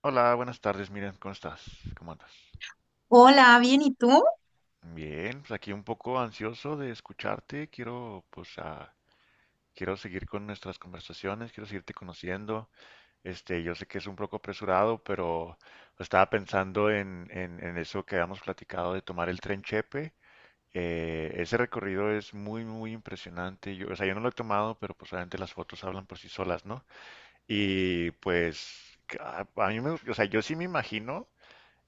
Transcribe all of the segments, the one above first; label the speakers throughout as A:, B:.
A: Hola, buenas tardes, Miren, ¿cómo estás? ¿Cómo andas?
B: Hola, bien, ¿y tú?
A: Bien, pues aquí un poco ansioso de escucharte, quiero quiero seguir con nuestras conversaciones, quiero seguirte conociendo. Yo sé que es un poco apresurado, pero estaba pensando en eso que habíamos platicado de tomar el tren Chepe. Ese recorrido es muy, muy impresionante. Yo, o sea, yo no lo he tomado, pero pues obviamente las fotos hablan por sí solas, ¿no? Y pues que a mí me, o sea, yo sí me imagino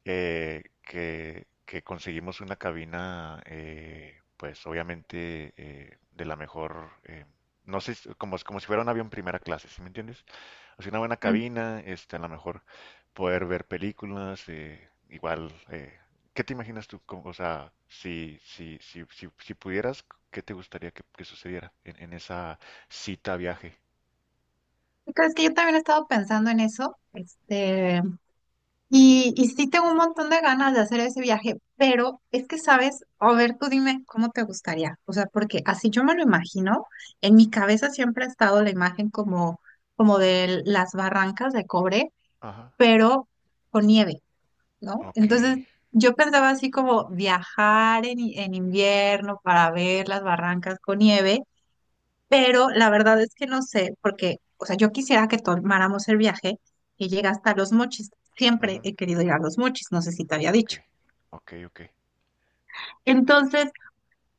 A: que conseguimos una cabina, pues obviamente de la mejor, no sé, como si fuera un avión primera clase, ¿sí me entiendes? Así una buena
B: Mm,
A: cabina, a lo mejor poder ver películas, igual, ¿qué te imaginas tú? O sea, si pudieras, ¿qué te gustaría que sucediera en esa cita viaje?
B: ¿tú crees? Que yo también he estado pensando en eso. Y sí tengo un montón de ganas de hacer ese viaje, pero es que sabes, a ver, tú dime cómo te gustaría. O sea, porque así yo me lo imagino, en mi cabeza siempre ha estado la imagen como, como de las barrancas de cobre,
A: Ajá,
B: pero con nieve, ¿no?
A: ok,
B: Entonces, yo pensaba así como viajar en invierno para ver las barrancas con nieve. Pero la verdad es que no sé, porque, o sea, yo quisiera que tomáramos el viaje que llega hasta Los Mochis.
A: ujú,
B: Siempre he querido ir a Los Mochis, no sé si te había
A: ok,
B: dicho.
A: ok, ok.
B: Entonces,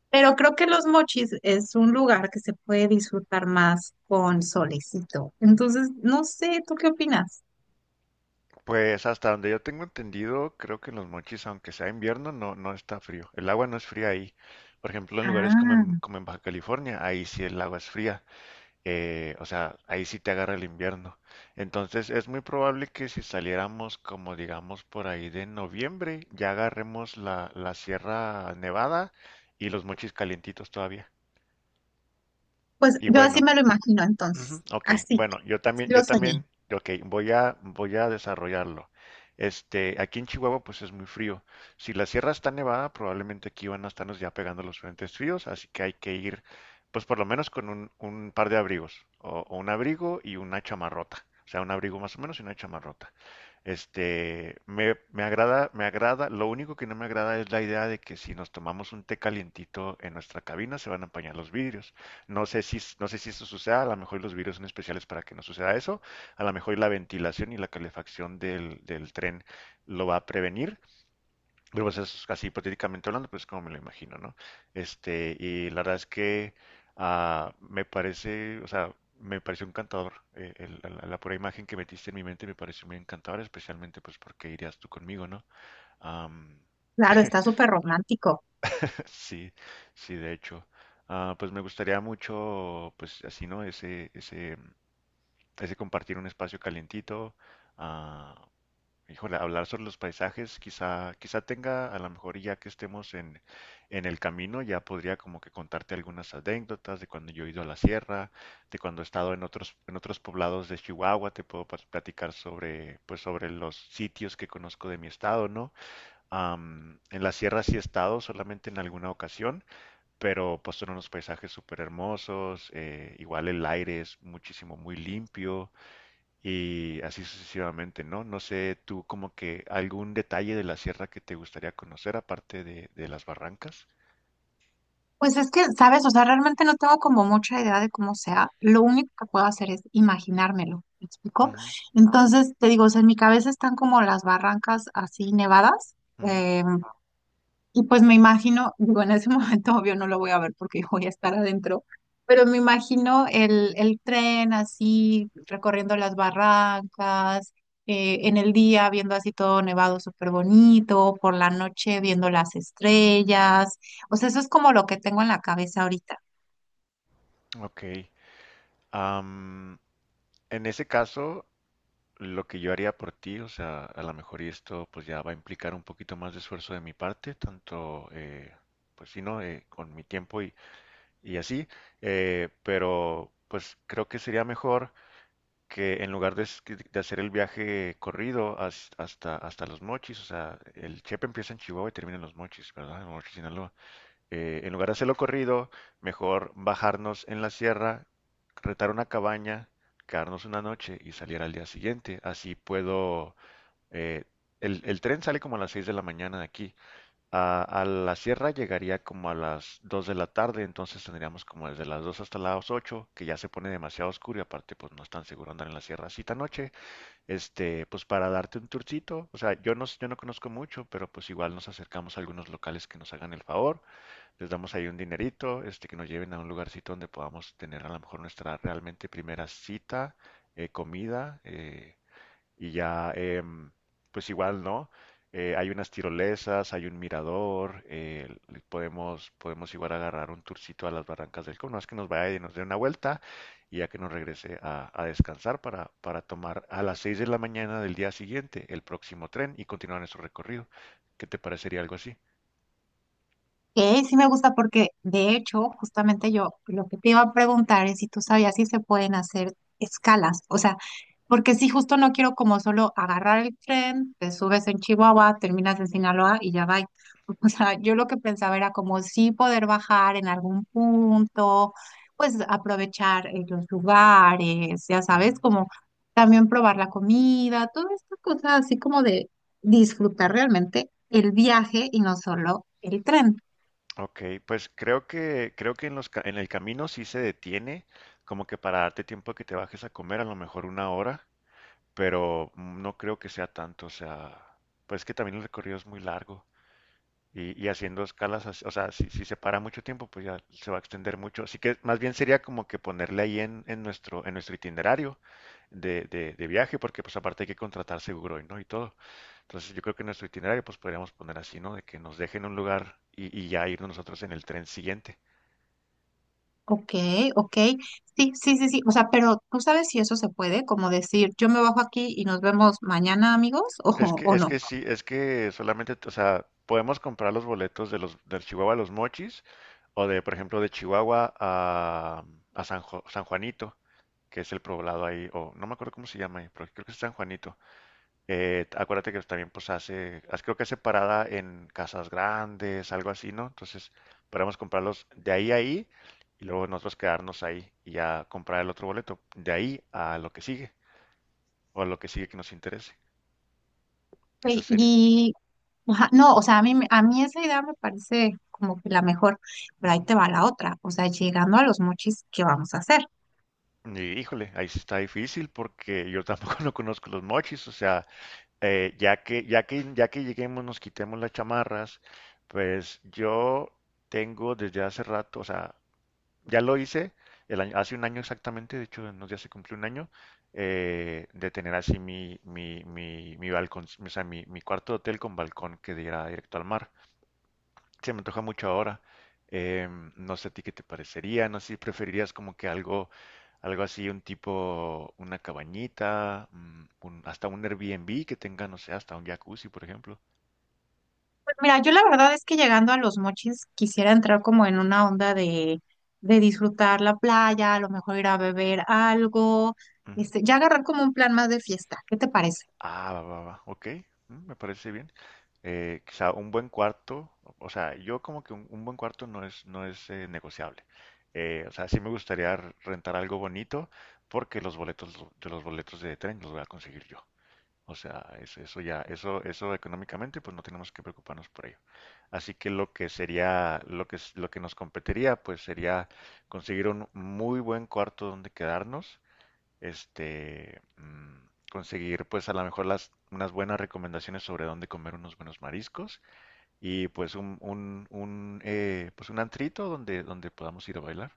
B: pero creo que Los Mochis es un lugar que se puede disfrutar más con solecito. Entonces, no sé, ¿tú qué opinas?
A: Pues hasta donde yo tengo entendido, creo que en los Mochis, aunque sea invierno, no está frío. El agua no es fría ahí. Por ejemplo, en lugares
B: Ah,
A: como en Baja California, ahí sí el agua es fría. O sea, ahí sí te agarra el invierno. Entonces, es muy probable que si saliéramos como digamos por ahí de noviembre, ya agarremos la Sierra Nevada y los Mochis calientitos todavía.
B: pues
A: Y
B: yo así
A: bueno,
B: me lo imagino
A: ujú,
B: entonces,
A: ok,
B: así,
A: bueno,
B: lo
A: yo
B: soñé.
A: también, ok, voy a desarrollarlo. Aquí en Chihuahua pues es muy frío. Si la sierra está nevada, probablemente aquí van a estarnos ya pegando los frentes fríos, así que hay que ir pues por lo menos con un par de abrigos, o un abrigo y una chamarrota, o sea, un abrigo más o menos y una chamarrota. Me agrada, lo único que no me agrada es la idea de que si nos tomamos un té calientito en nuestra cabina se van a empañar los vidrios. No sé si eso suceda, a lo mejor los virus son especiales para que no suceda eso, a lo mejor la ventilación y la calefacción del tren lo va a prevenir, pero pues es así hipotéticamente hablando, pues como me lo imagino, ¿no? Y la verdad es que me parece, o sea, me pareció encantador, la pura imagen que metiste en mi mente me pareció muy encantadora, especialmente pues porque irías tú conmigo, ¿no? Am,
B: Claro, está súper romántico.
A: sí, sí, de hecho. Ah, pues me gustaría mucho, pues así, ¿no? Ese compartir un espacio calientito, ah, híjole, hablar sobre los paisajes, quizá tenga, a lo mejor ya que estemos en el camino, ya podría como que contarte algunas anécdotas de cuando yo he ido a la sierra, de cuando he estado en otros poblados de Chihuahua, te puedo platicar sobre, pues sobre los sitios que conozco de mi estado, ¿no? En la sierra sí he estado, solamente en alguna ocasión, pero pues son unos paisajes súper hermosos, igual el aire es muchísimo, muy limpio, y así sucesivamente, ¿no? No sé, tú como que algún detalle de la sierra que te gustaría conocer aparte de las barrancas.
B: Pues es que, ¿sabes? O sea, realmente no tengo como mucha idea de cómo sea. Lo único que puedo hacer es imaginármelo, ¿me explico?
A: Ujú,
B: Entonces, te digo, o sea, en mi cabeza están como las barrancas así nevadas, eh, y pues me imagino, digo, en ese momento obvio no lo voy a ver porque voy a estar adentro, pero me imagino el tren así, recorriendo las barrancas, en el día viendo así todo nevado súper bonito, por la noche viendo las estrellas. O sea, eso es como lo que tengo en la cabeza ahorita.
A: ujú. Ok. Am, en ese caso, lo que yo haría por ti, o sea, a lo mejor y esto pues ya va a implicar un poquito más de esfuerzo de mi parte, tanto, pues sí, ¿no? Con mi tiempo y así, pero pues creo que sería mejor que en lugar de hacer el viaje corrido hasta, hasta Los Mochis, o sea, el Chepe empieza en Chihuahua y termina en Los Mochis, ¿verdad? En Mochis, Sinaloa. En lugar de hacerlo corrido, mejor bajarnos en la sierra, retar una cabaña, quedarnos una noche y salir al día siguiente. Así puedo... eh, el tren sale como a las 6 de la mañana de aquí. A la sierra llegaría como a las 2 de la tarde, entonces tendríamos como desde las 2 hasta las 8 que ya se pone demasiado oscuro y aparte pues no es tan seguro andar en la sierra así tan noche. Pues para darte un tourcito, o sea, yo no conozco mucho, pero pues igual nos acercamos a algunos locales que nos hagan el favor, les damos ahí un dinerito, que nos lleven a un lugarcito donde podamos tener a lo mejor nuestra realmente primera cita, comida, y ya, pues igual, ¿no? Hay unas tirolesas, hay un mirador, podemos igual agarrar un tourcito a las Barrancas del Cono, es que nos vaya y nos dé una vuelta y ya que nos regrese a descansar para tomar a las 6 de la mañana del día siguiente el próximo tren y continuar nuestro recorrido. ¿Qué te parecería algo así?
B: Sí me gusta porque, de hecho, justamente yo lo que te iba a preguntar es si tú sabías si se pueden hacer escalas, o sea, porque si justo no quiero como solo agarrar el tren, te subes en Chihuahua, terminas en Sinaloa y ya va. O sea, yo lo que pensaba era como sí poder bajar en algún punto, pues aprovechar los lugares, ya
A: Ujú.
B: sabes, como también probar la comida, todas estas cosas así como de disfrutar realmente el viaje y no solo el tren.
A: Ok, pues creo que en el camino sí se detiene, como que para darte tiempo que te bajes a comer, a lo mejor una hora, pero no creo que sea tanto, o sea, pues es que también el recorrido es muy largo y haciendo escalas, o sea, si se para mucho tiempo, pues ya se va a extender mucho, así que más bien sería como que ponerle ahí en nuestro itinerario de viaje, porque pues aparte hay que contratar seguro y no y todo, entonces yo creo que en nuestro itinerario pues podríamos poner así, ¿no? De que nos dejen un lugar y ya irnos nosotros en el tren siguiente.
B: Ok, ok. Sí, sí, sí, sí. O sea, pero ¿tú sabes si eso se puede? Como decir, yo me bajo aquí y nos vemos mañana, amigos,
A: Es que,
B: o
A: es
B: no.
A: que sí, es que solamente, o sea, podemos comprar los boletos de los del Chihuahua a los Mochis o de, por ejemplo, de Chihuahua a San Juanito, que es el poblado ahí, o no me acuerdo cómo se llama ahí, pero creo que es San Juanito. Acuérdate que también pues creo que hace parada en Casas Grandes, algo así, ¿no? Entonces, podemos comprarlos de ahí a ahí y luego nosotros quedarnos ahí y ya comprar el otro boleto, de ahí a lo que sigue o a lo que sigue que nos interese.
B: Ok.
A: Esa sería.
B: Y, ajá, no, o sea, a mí, a mí esa idea me parece como que la mejor, pero ahí te va la otra. O sea, llegando a los mochis, ¿qué vamos a hacer?
A: Híjole, ahí sí está difícil porque yo tampoco no conozco los mochis, o sea, ya que lleguemos, nos quitemos las chamarras, pues yo tengo desde hace rato, o sea, ya lo hice hace un año exactamente, de hecho, en unos días se cumplió un año, de tener así mi balcón, o sea, mi cuarto de hotel con balcón que diera directo al mar se me antoja mucho ahora. Eh, no sé a ti qué te parecería, no sé si preferirías como que algo, algo así, un tipo, una cabañita, hasta un Airbnb que tenga, no sé, hasta un jacuzzi, por ejemplo.
B: Pues mira, yo la verdad es que llegando a los mochis quisiera entrar como en una onda de disfrutar la playa, a lo mejor ir a beber algo,
A: Ujú.
B: este, ya agarrar como un plan más de fiesta. ¿Qué te parece?
A: Ah, va, va, va, ok, mm, me parece bien. Quizá un buen cuarto, o sea, yo como que un buen cuarto no es negociable. O sea, sí me gustaría rentar algo bonito porque los boletos de tren los voy a conseguir yo. O sea, eso ya, eso económicamente, pues no tenemos que preocuparnos por ello. Así que lo que sería, lo que nos competiría, pues sería conseguir un muy buen cuarto donde quedarnos, conseguir, pues a lo mejor unas buenas recomendaciones sobre dónde comer unos buenos mariscos y pues pues un antrito donde, donde podamos ir a bailar.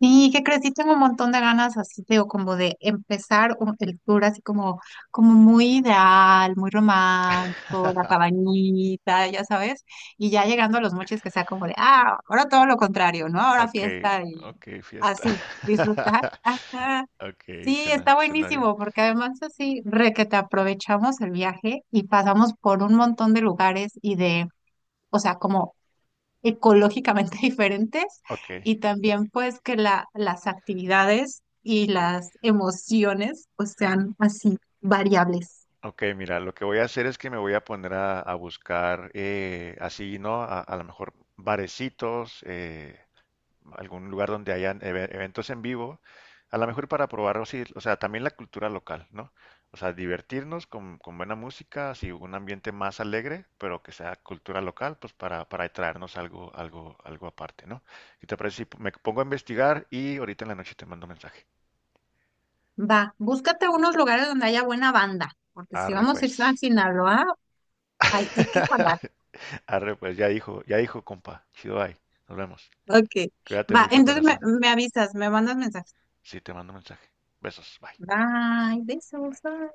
B: Sí, ¿qué crees? Sí tengo un montón de ganas así, te digo, como de empezar el tour así como, como muy ideal, muy romántico, la cabañita, ya sabes, y ya llegando a los mochis que sea como de, ah, ahora todo lo contrario, ¿no? Ahora
A: Ok,
B: fiesta y
A: ok, fiesta.
B: así, disfrutar. Ajá.
A: Ok,
B: Sí,
A: cena,
B: está
A: cena bien.
B: buenísimo, porque además así re que te aprovechamos el viaje y pasamos por un montón de lugares y de, o sea, como ecológicamente diferentes
A: Ok.
B: y también pues que la, las actividades y
A: Ok,
B: las emociones pues sean así variables.
A: ok, mira, lo que voy a hacer es que me voy a poner a buscar así, ¿no? A lo mejor barecitos, algún lugar donde hayan eventos en vivo, a lo mejor para probar, o, sí, o sea, también la cultura local, ¿no? O sea, divertirnos con buena música, así un ambiente más alegre, pero que sea cultura local, pues para traernos algo, algo, algo aparte, ¿no? ¿Y te parece si me pongo a investigar y ahorita en la noche te mando un mensaje?
B: Va, búscate unos lugares donde haya buena banda, porque si
A: Arre,
B: vamos a ir a
A: pues.
B: Sinaloa, hay que jalar.
A: Arre, pues ya dijo, compa. Chido, bye. Nos vemos.
B: Ok,
A: Cuídate
B: va,
A: mucho,
B: entonces
A: corazón.
B: me avisas, me mandas mensajes.
A: Sí, te mando un mensaje. Besos, bye.
B: Bye,
A: Bye.
B: besos. Bye.